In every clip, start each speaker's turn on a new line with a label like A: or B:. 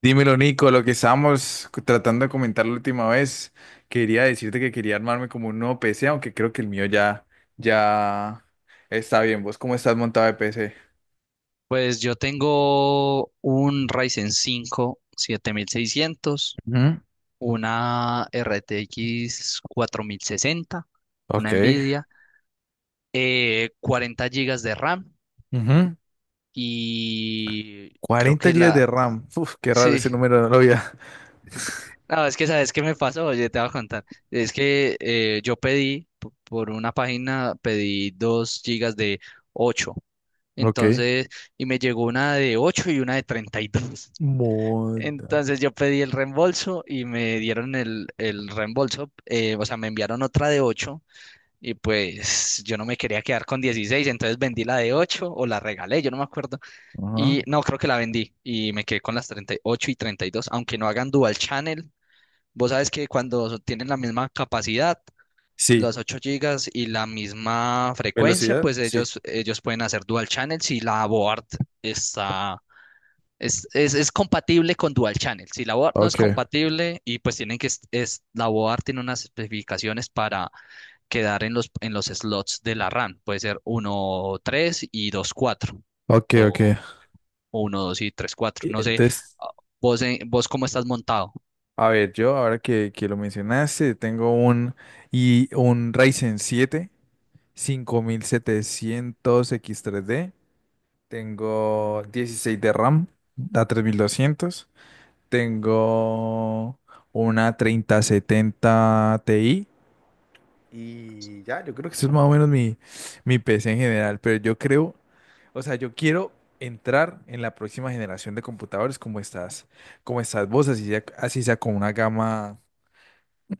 A: Dímelo, Nico, lo que estábamos tratando de comentar la última vez, quería decirte que quería armarme como un nuevo PC, aunque creo que el mío ya está bien. ¿Vos cómo estás montado de PC?
B: Pues yo tengo un Ryzen 5 7600,
A: Ujú.
B: una RTX 60,
A: Ok.
B: una Nvidia, 40 GB de RAM
A: Ujú.
B: y creo
A: 40
B: que
A: GB
B: la...
A: de RAM. Uf, qué raro ese
B: Sí,
A: número, no lo había.
B: no, es que sabes qué me pasó, oye, te voy a contar. Es que yo por una página, pedí 2 gigas de ocho.
A: Ok.
B: Entonces, y me llegó una de 8 y una de 32.
A: Moda.
B: Entonces yo pedí el reembolso y me dieron el reembolso, o sea, me enviaron otra de 8 y pues yo no me quería quedar con 16, entonces vendí la de 8 o la regalé, yo no me acuerdo.
A: Ajá.
B: Y no, creo que la vendí y me quedé con las 38 y ocho y treinta y dos, aunque no hagan dual channel. Vos sabes que cuando tienen la misma capacidad,
A: Sí,
B: los 8 gigas y la misma frecuencia,
A: velocidad,
B: pues
A: sí.
B: ellos pueden hacer dual channel si la board está es compatible con Dual Channel. Si la board no es
A: Ok,
B: compatible y pues tienen que, es- la board tiene unas especificaciones para quedar en los slots de la RAM. Puede ser uno 3 y 2 4
A: ok, ok.
B: o uno 2 y 3 cuatro. No sé.
A: Entonces,
B: ah, vos, ¿cómo estás montado?
A: a ver, yo ahora que lo mencionaste, tengo un Ryzen siete 5700 X3D. Tengo 16 de RAM, da 3200. Tengo una 3070 Ti. Y ya, yo creo que eso es más o menos mi PC en general. Pero yo creo, o sea, yo quiero entrar en la próxima generación de computadores como estas vos, así sea con una gama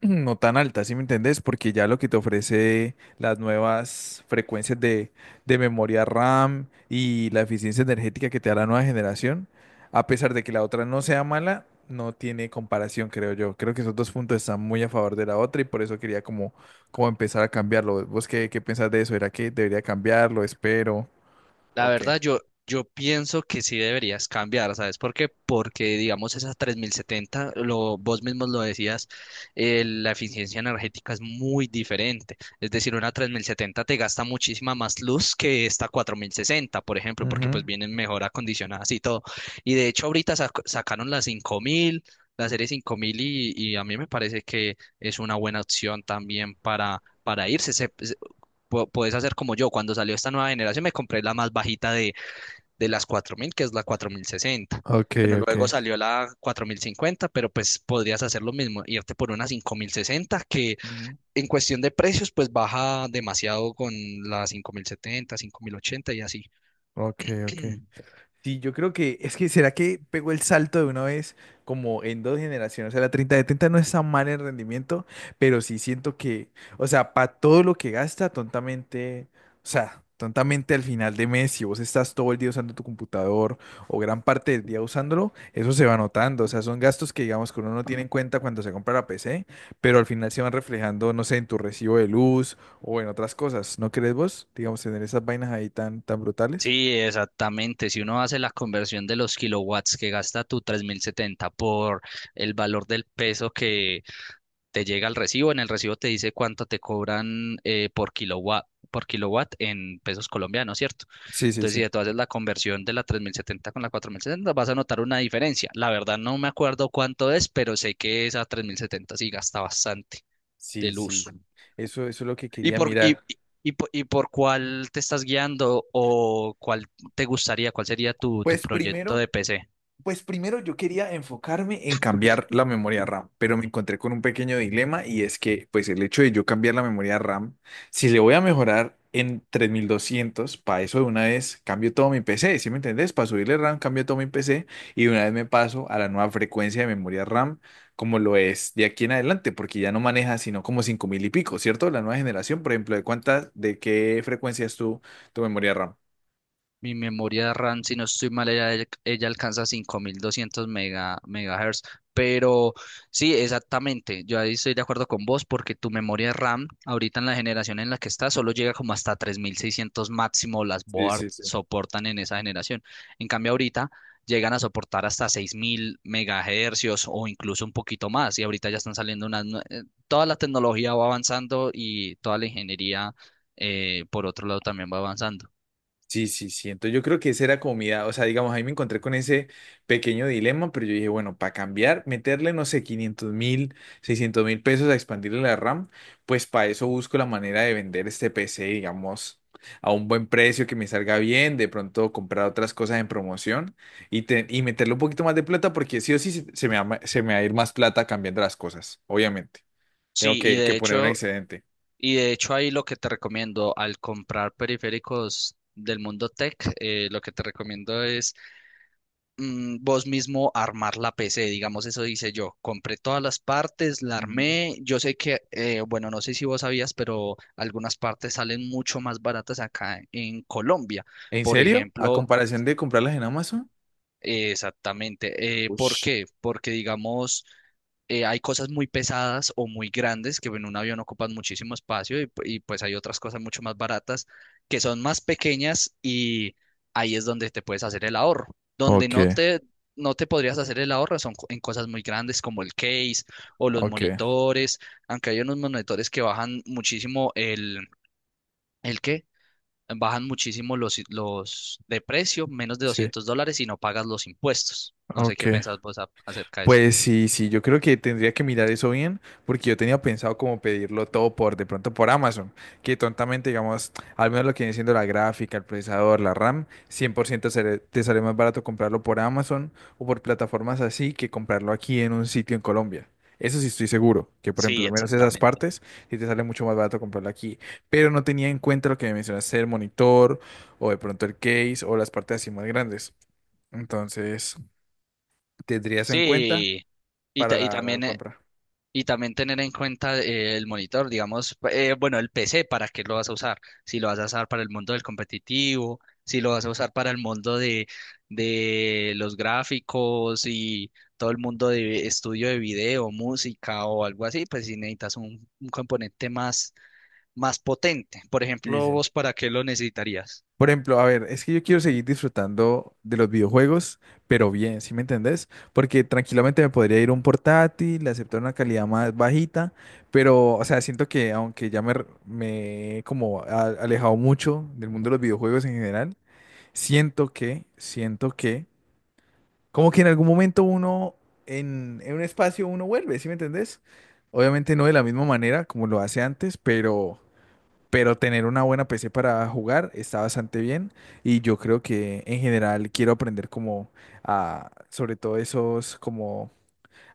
A: no tan alta, ¿sí me entendés? Porque ya lo que te ofrece las nuevas frecuencias de memoria RAM y la eficiencia energética que te da la nueva generación, a pesar de que la otra no sea mala, no tiene comparación, creo yo. Creo que esos dos puntos están muy a favor de la otra y por eso quería como empezar a cambiarlo. ¿Vos qué pensás de eso? ¿Era que debería cambiarlo? ¿Espero?
B: La
A: Ok.
B: verdad, yo pienso que sí deberías cambiar, ¿sabes por qué? Porque, digamos, esa 3070, vos mismos lo decías, la eficiencia energética es muy diferente. Es decir, una 3070 te gasta muchísima más luz que esta 4060, por ejemplo, porque
A: Ujú.
B: pues vienen mejor acondicionadas y todo. Y de hecho, ahorita sacaron la 5000, la serie 5000, y a mí me parece que es una buena opción también para, irse. Podés hacer como yo. Cuando salió esta nueva generación me compré la más bajita de, las 4000, que es la 4060.
A: Ok,
B: Bueno,
A: ok.
B: luego salió la 4050, pero pues podrías hacer lo mismo, irte por una 5060, que
A: Ujú.
B: en cuestión de precios pues baja demasiado con la 5070, 5080 y así.
A: Ok, ok. Sí, yo creo que es que será que pegó el salto de una vez como en dos generaciones. O sea, la 3070 no está mal en rendimiento, pero sí siento que, o sea, para todo lo que gasta, tontamente, o sea, tontamente al final de mes, si vos estás todo el día usando tu computador o gran parte del día usándolo, eso se va notando. O sea, son gastos que digamos que uno no tiene en cuenta cuando se compra la PC, pero al final se van reflejando, no sé, en tu recibo de luz o en otras cosas. ¿No crees vos, digamos, tener esas vainas ahí tan, tan brutales?
B: Sí, exactamente. Si uno hace la conversión de los kilowatts que gasta tu 3070 por el valor del peso que te llega el recibo, en el recibo te dice cuánto te cobran, por kilowatt, en pesos colombianos, ¿cierto?
A: Sí, sí,
B: Entonces,
A: sí.
B: si tú haces la conversión de la 3070 con la 4070, vas a notar una diferencia. La verdad no me acuerdo cuánto es, pero sé que esa 3070 sí gasta bastante de
A: Sí,
B: luz.
A: sí, eso es lo que
B: ¿Y
A: quería
B: por, y,
A: mirar.
B: y por cuál te estás guiando, o cuál te gustaría, cuál sería tu
A: Pues
B: proyecto
A: primero,
B: de PC?
A: Pues primero yo quería enfocarme en cambiar la memoria RAM, pero me encontré con un pequeño dilema y es que pues el hecho de yo cambiar la memoria RAM, si le voy a mejorar en 3200, para eso de una vez cambio todo mi PC, ¿sí me entendés? Para subirle RAM cambio todo mi PC y de una vez me paso a la nueva frecuencia de memoria RAM como lo es de aquí en adelante, porque ya no maneja sino como 5000 y pico, ¿cierto? La nueva generación, por ejemplo, de qué frecuencia es tu memoria RAM?
B: Mi memoria RAM, si no estoy mal, ella alcanza 5200 megahertz. Pero sí, exactamente. Yo ahí estoy de acuerdo con vos, porque tu memoria RAM, ahorita en la generación en la que está, solo llega como hasta 3600 máximo. Las
A: Sí,
B: board
A: sí, sí.
B: soportan en esa generación. En cambio, ahorita llegan a soportar hasta 6000 megahercios o incluso un poquito más. Y ahorita ya están saliendo unas. Toda la tecnología va avanzando, y toda la ingeniería, por otro lado, también va avanzando.
A: Sí, sí, sí. Entonces yo creo que esa era como comida. O sea, digamos, ahí me encontré con ese pequeño dilema, pero yo dije, bueno, para cambiar, meterle, no sé, 500.000, 600.000 pesos a expandirle la RAM, pues para eso busco la manera de vender este PC, digamos, a un buen precio que me salga bien, de pronto comprar otras cosas en promoción y, y meterle un poquito más de plata, porque sí o sí se me va, se me va a ir más plata cambiando las cosas, obviamente. Tengo
B: Sí,
A: que poner un excedente.
B: y de hecho, ahí lo que te recomiendo al comprar periféricos del mundo tech, lo que te recomiendo es, vos mismo armar la PC, digamos. Eso dice yo. Compré todas las partes, la
A: Ujú.
B: armé. Yo sé que, bueno, no sé si vos sabías, pero algunas partes salen mucho más baratas acá en Colombia.
A: ¿En
B: Por
A: serio? ¿A
B: ejemplo.
A: comparación de comprarlas en Amazon?
B: Exactamente. ¿Por
A: Ush.
B: qué? Porque, digamos, hay cosas muy pesadas o muy grandes que en un avión ocupan muchísimo espacio, y, pues hay otras cosas mucho más baratas, que son más pequeñas, y ahí es donde te puedes hacer el ahorro. Donde no
A: Ok,
B: te, no te podrías hacer el ahorro son, en cosas muy grandes como el case o los
A: ok,
B: monitores, aunque hay unos monitores que bajan muchísimo ¿el qué? Bajan muchísimo los de precio, menos de
A: sí,
B: 200 dólares, y no pagas los impuestos. No sé qué
A: ok.
B: pensás vos acerca de eso.
A: Pues sí, sí, yo creo que tendría que mirar eso bien, porque yo tenía pensado como pedirlo todo de pronto por Amazon, que tontamente, digamos, al menos lo que viene siendo la gráfica, el procesador, la RAM, 100% te sale más barato comprarlo por Amazon o por plataformas así que comprarlo aquí en un sitio en Colombia. Eso sí estoy seguro, que por ejemplo,
B: Sí,
A: al menos esas
B: exactamente.
A: partes, sí te sale mucho más barato comprarlo aquí. Pero no tenía en cuenta lo que me mencionaste, el monitor o de pronto el case o las partes así más grandes. Entonces, tendrías en cuenta
B: Sí, y,
A: para
B: ta- y
A: la
B: también
A: compra.
B: y también tener en cuenta, el monitor, digamos, bueno, el PC, ¿para qué lo vas a usar? Si lo vas a usar para el mundo del competitivo, si lo vas a usar para el mundo de los gráficos y todo el mundo de estudio de video, música o algo así, pues si necesitas un componente más potente. Por
A: Y
B: ejemplo,
A: dicen,
B: ¿vos para qué lo necesitarías?
A: por ejemplo, a ver, es que yo quiero seguir disfrutando de los videojuegos, pero bien, ¿sí me entendés? Porque tranquilamente me podría ir un portátil, aceptar una calidad más bajita, pero, o sea, siento que aunque ya me he como alejado mucho del mundo de los videojuegos en general, siento que como que en algún momento uno, en un espacio, uno vuelve, ¿sí me entendés? Obviamente no de la misma manera como lo hace antes, pero tener una buena PC para jugar está bastante bien y yo creo que en general quiero aprender como a, sobre todo esos, como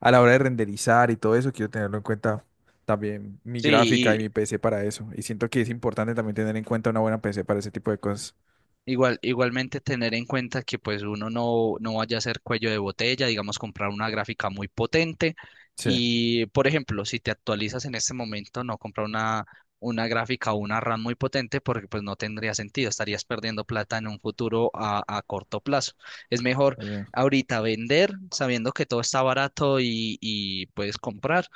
A: a la hora de renderizar y todo eso, quiero tenerlo en cuenta también mi gráfica
B: Sí,
A: y mi PC para eso. Y siento que es importante también tener en cuenta una buena PC para ese tipo de cosas.
B: Igualmente tener en cuenta que pues uno no vaya a ser cuello de botella, digamos, comprar una gráfica muy potente
A: Sí,
B: y, por ejemplo, si te actualizas en este momento, no comprar una gráfica o una RAM muy potente, porque pues no tendría sentido, estarías perdiendo plata en un futuro a corto plazo. Es mejor
A: eh,
B: ahorita vender sabiendo que todo está barato, y puedes comprar,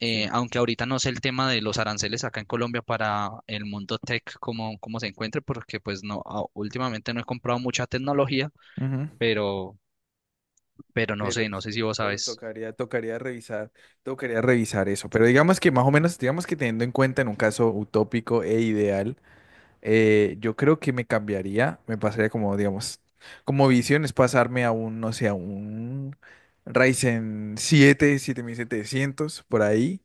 A: sí.
B: aunque ahorita no sé el tema de los aranceles acá en Colombia para el mundo tech, cómo se encuentre, porque pues no, últimamente no he comprado mucha tecnología,
A: Ujú.
B: pero, pero no sé,
A: Pero
B: no
A: sí,
B: sé si vos
A: to-
B: sabes.
A: tocaría, tocaría revisar, tocaría revisar eso. Pero digamos que más o menos, digamos que teniendo en cuenta en un caso utópico e ideal, yo creo que me cambiaría, me pasaría como, digamos, como visión es pasarme a un, no sé, a un Ryzen siete 7700 por ahí,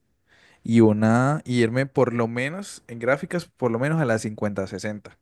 A: y irme por lo menos en gráficas, por lo menos a la 5060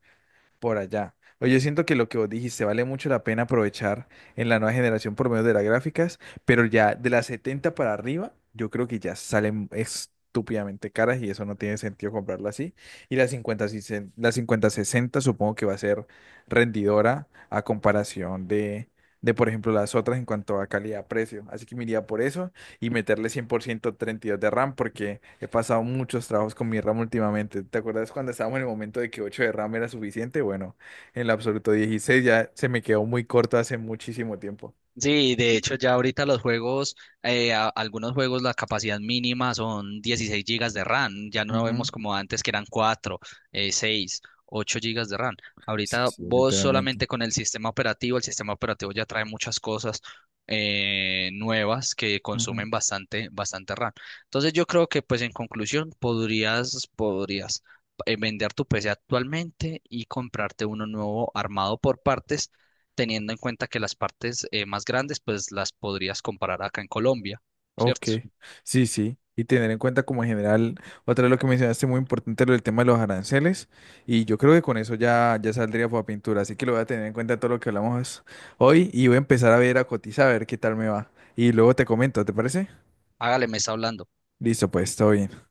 A: por allá. Oye, yo siento que lo que vos dijiste vale mucho la pena aprovechar en la nueva generación por medio de las gráficas, pero ya de las 70 para arriba, yo creo que ya salen estúpidamente caras y eso no tiene sentido comprarla así. Y la 50, si la 50 60 supongo que va a ser rendidora a comparación de, por ejemplo, las otras en cuanto a calidad-precio. Así que me iría por eso y meterle cien por ciento 32 de RAM porque he pasado muchos trabajos con mi RAM últimamente. ¿Te acuerdas cuando estábamos en el momento de que 8 de RAM era suficiente? Bueno, en el absoluto 16 ya se me quedó muy corto hace muchísimo tiempo.
B: Sí, de hecho ya ahorita algunos juegos, la capacidad mínima son 16 gigas de RAM, ya no
A: Ujú.
B: vemos como antes, que eran 4, 6, 8 gigas de RAM.
A: Sí,
B: Ahorita
A: sí,
B: vos
A: literalmente.
B: solamente con el sistema operativo, ya trae muchas cosas nuevas que
A: Ujú.
B: consumen bastante, bastante RAM. Entonces yo creo que pues en conclusión podrías, vender tu PC actualmente y comprarte uno nuevo armado por partes, teniendo en cuenta que las partes, más grandes, pues las podrías comparar acá en Colombia,
A: Ok,
B: ¿cierto?
A: sí, sí. Y tener en cuenta como en general, otra vez lo que mencionaste muy importante, lo del tema de los aranceles. Y yo creo que con eso ya saldría para pintura. Así que lo voy a tener en cuenta todo lo que hablamos hoy y voy a empezar a ver, a cotizar, a ver qué tal me va. Y luego te comento, ¿te parece?
B: Hágale, me está hablando.
A: Listo, pues, todo bien.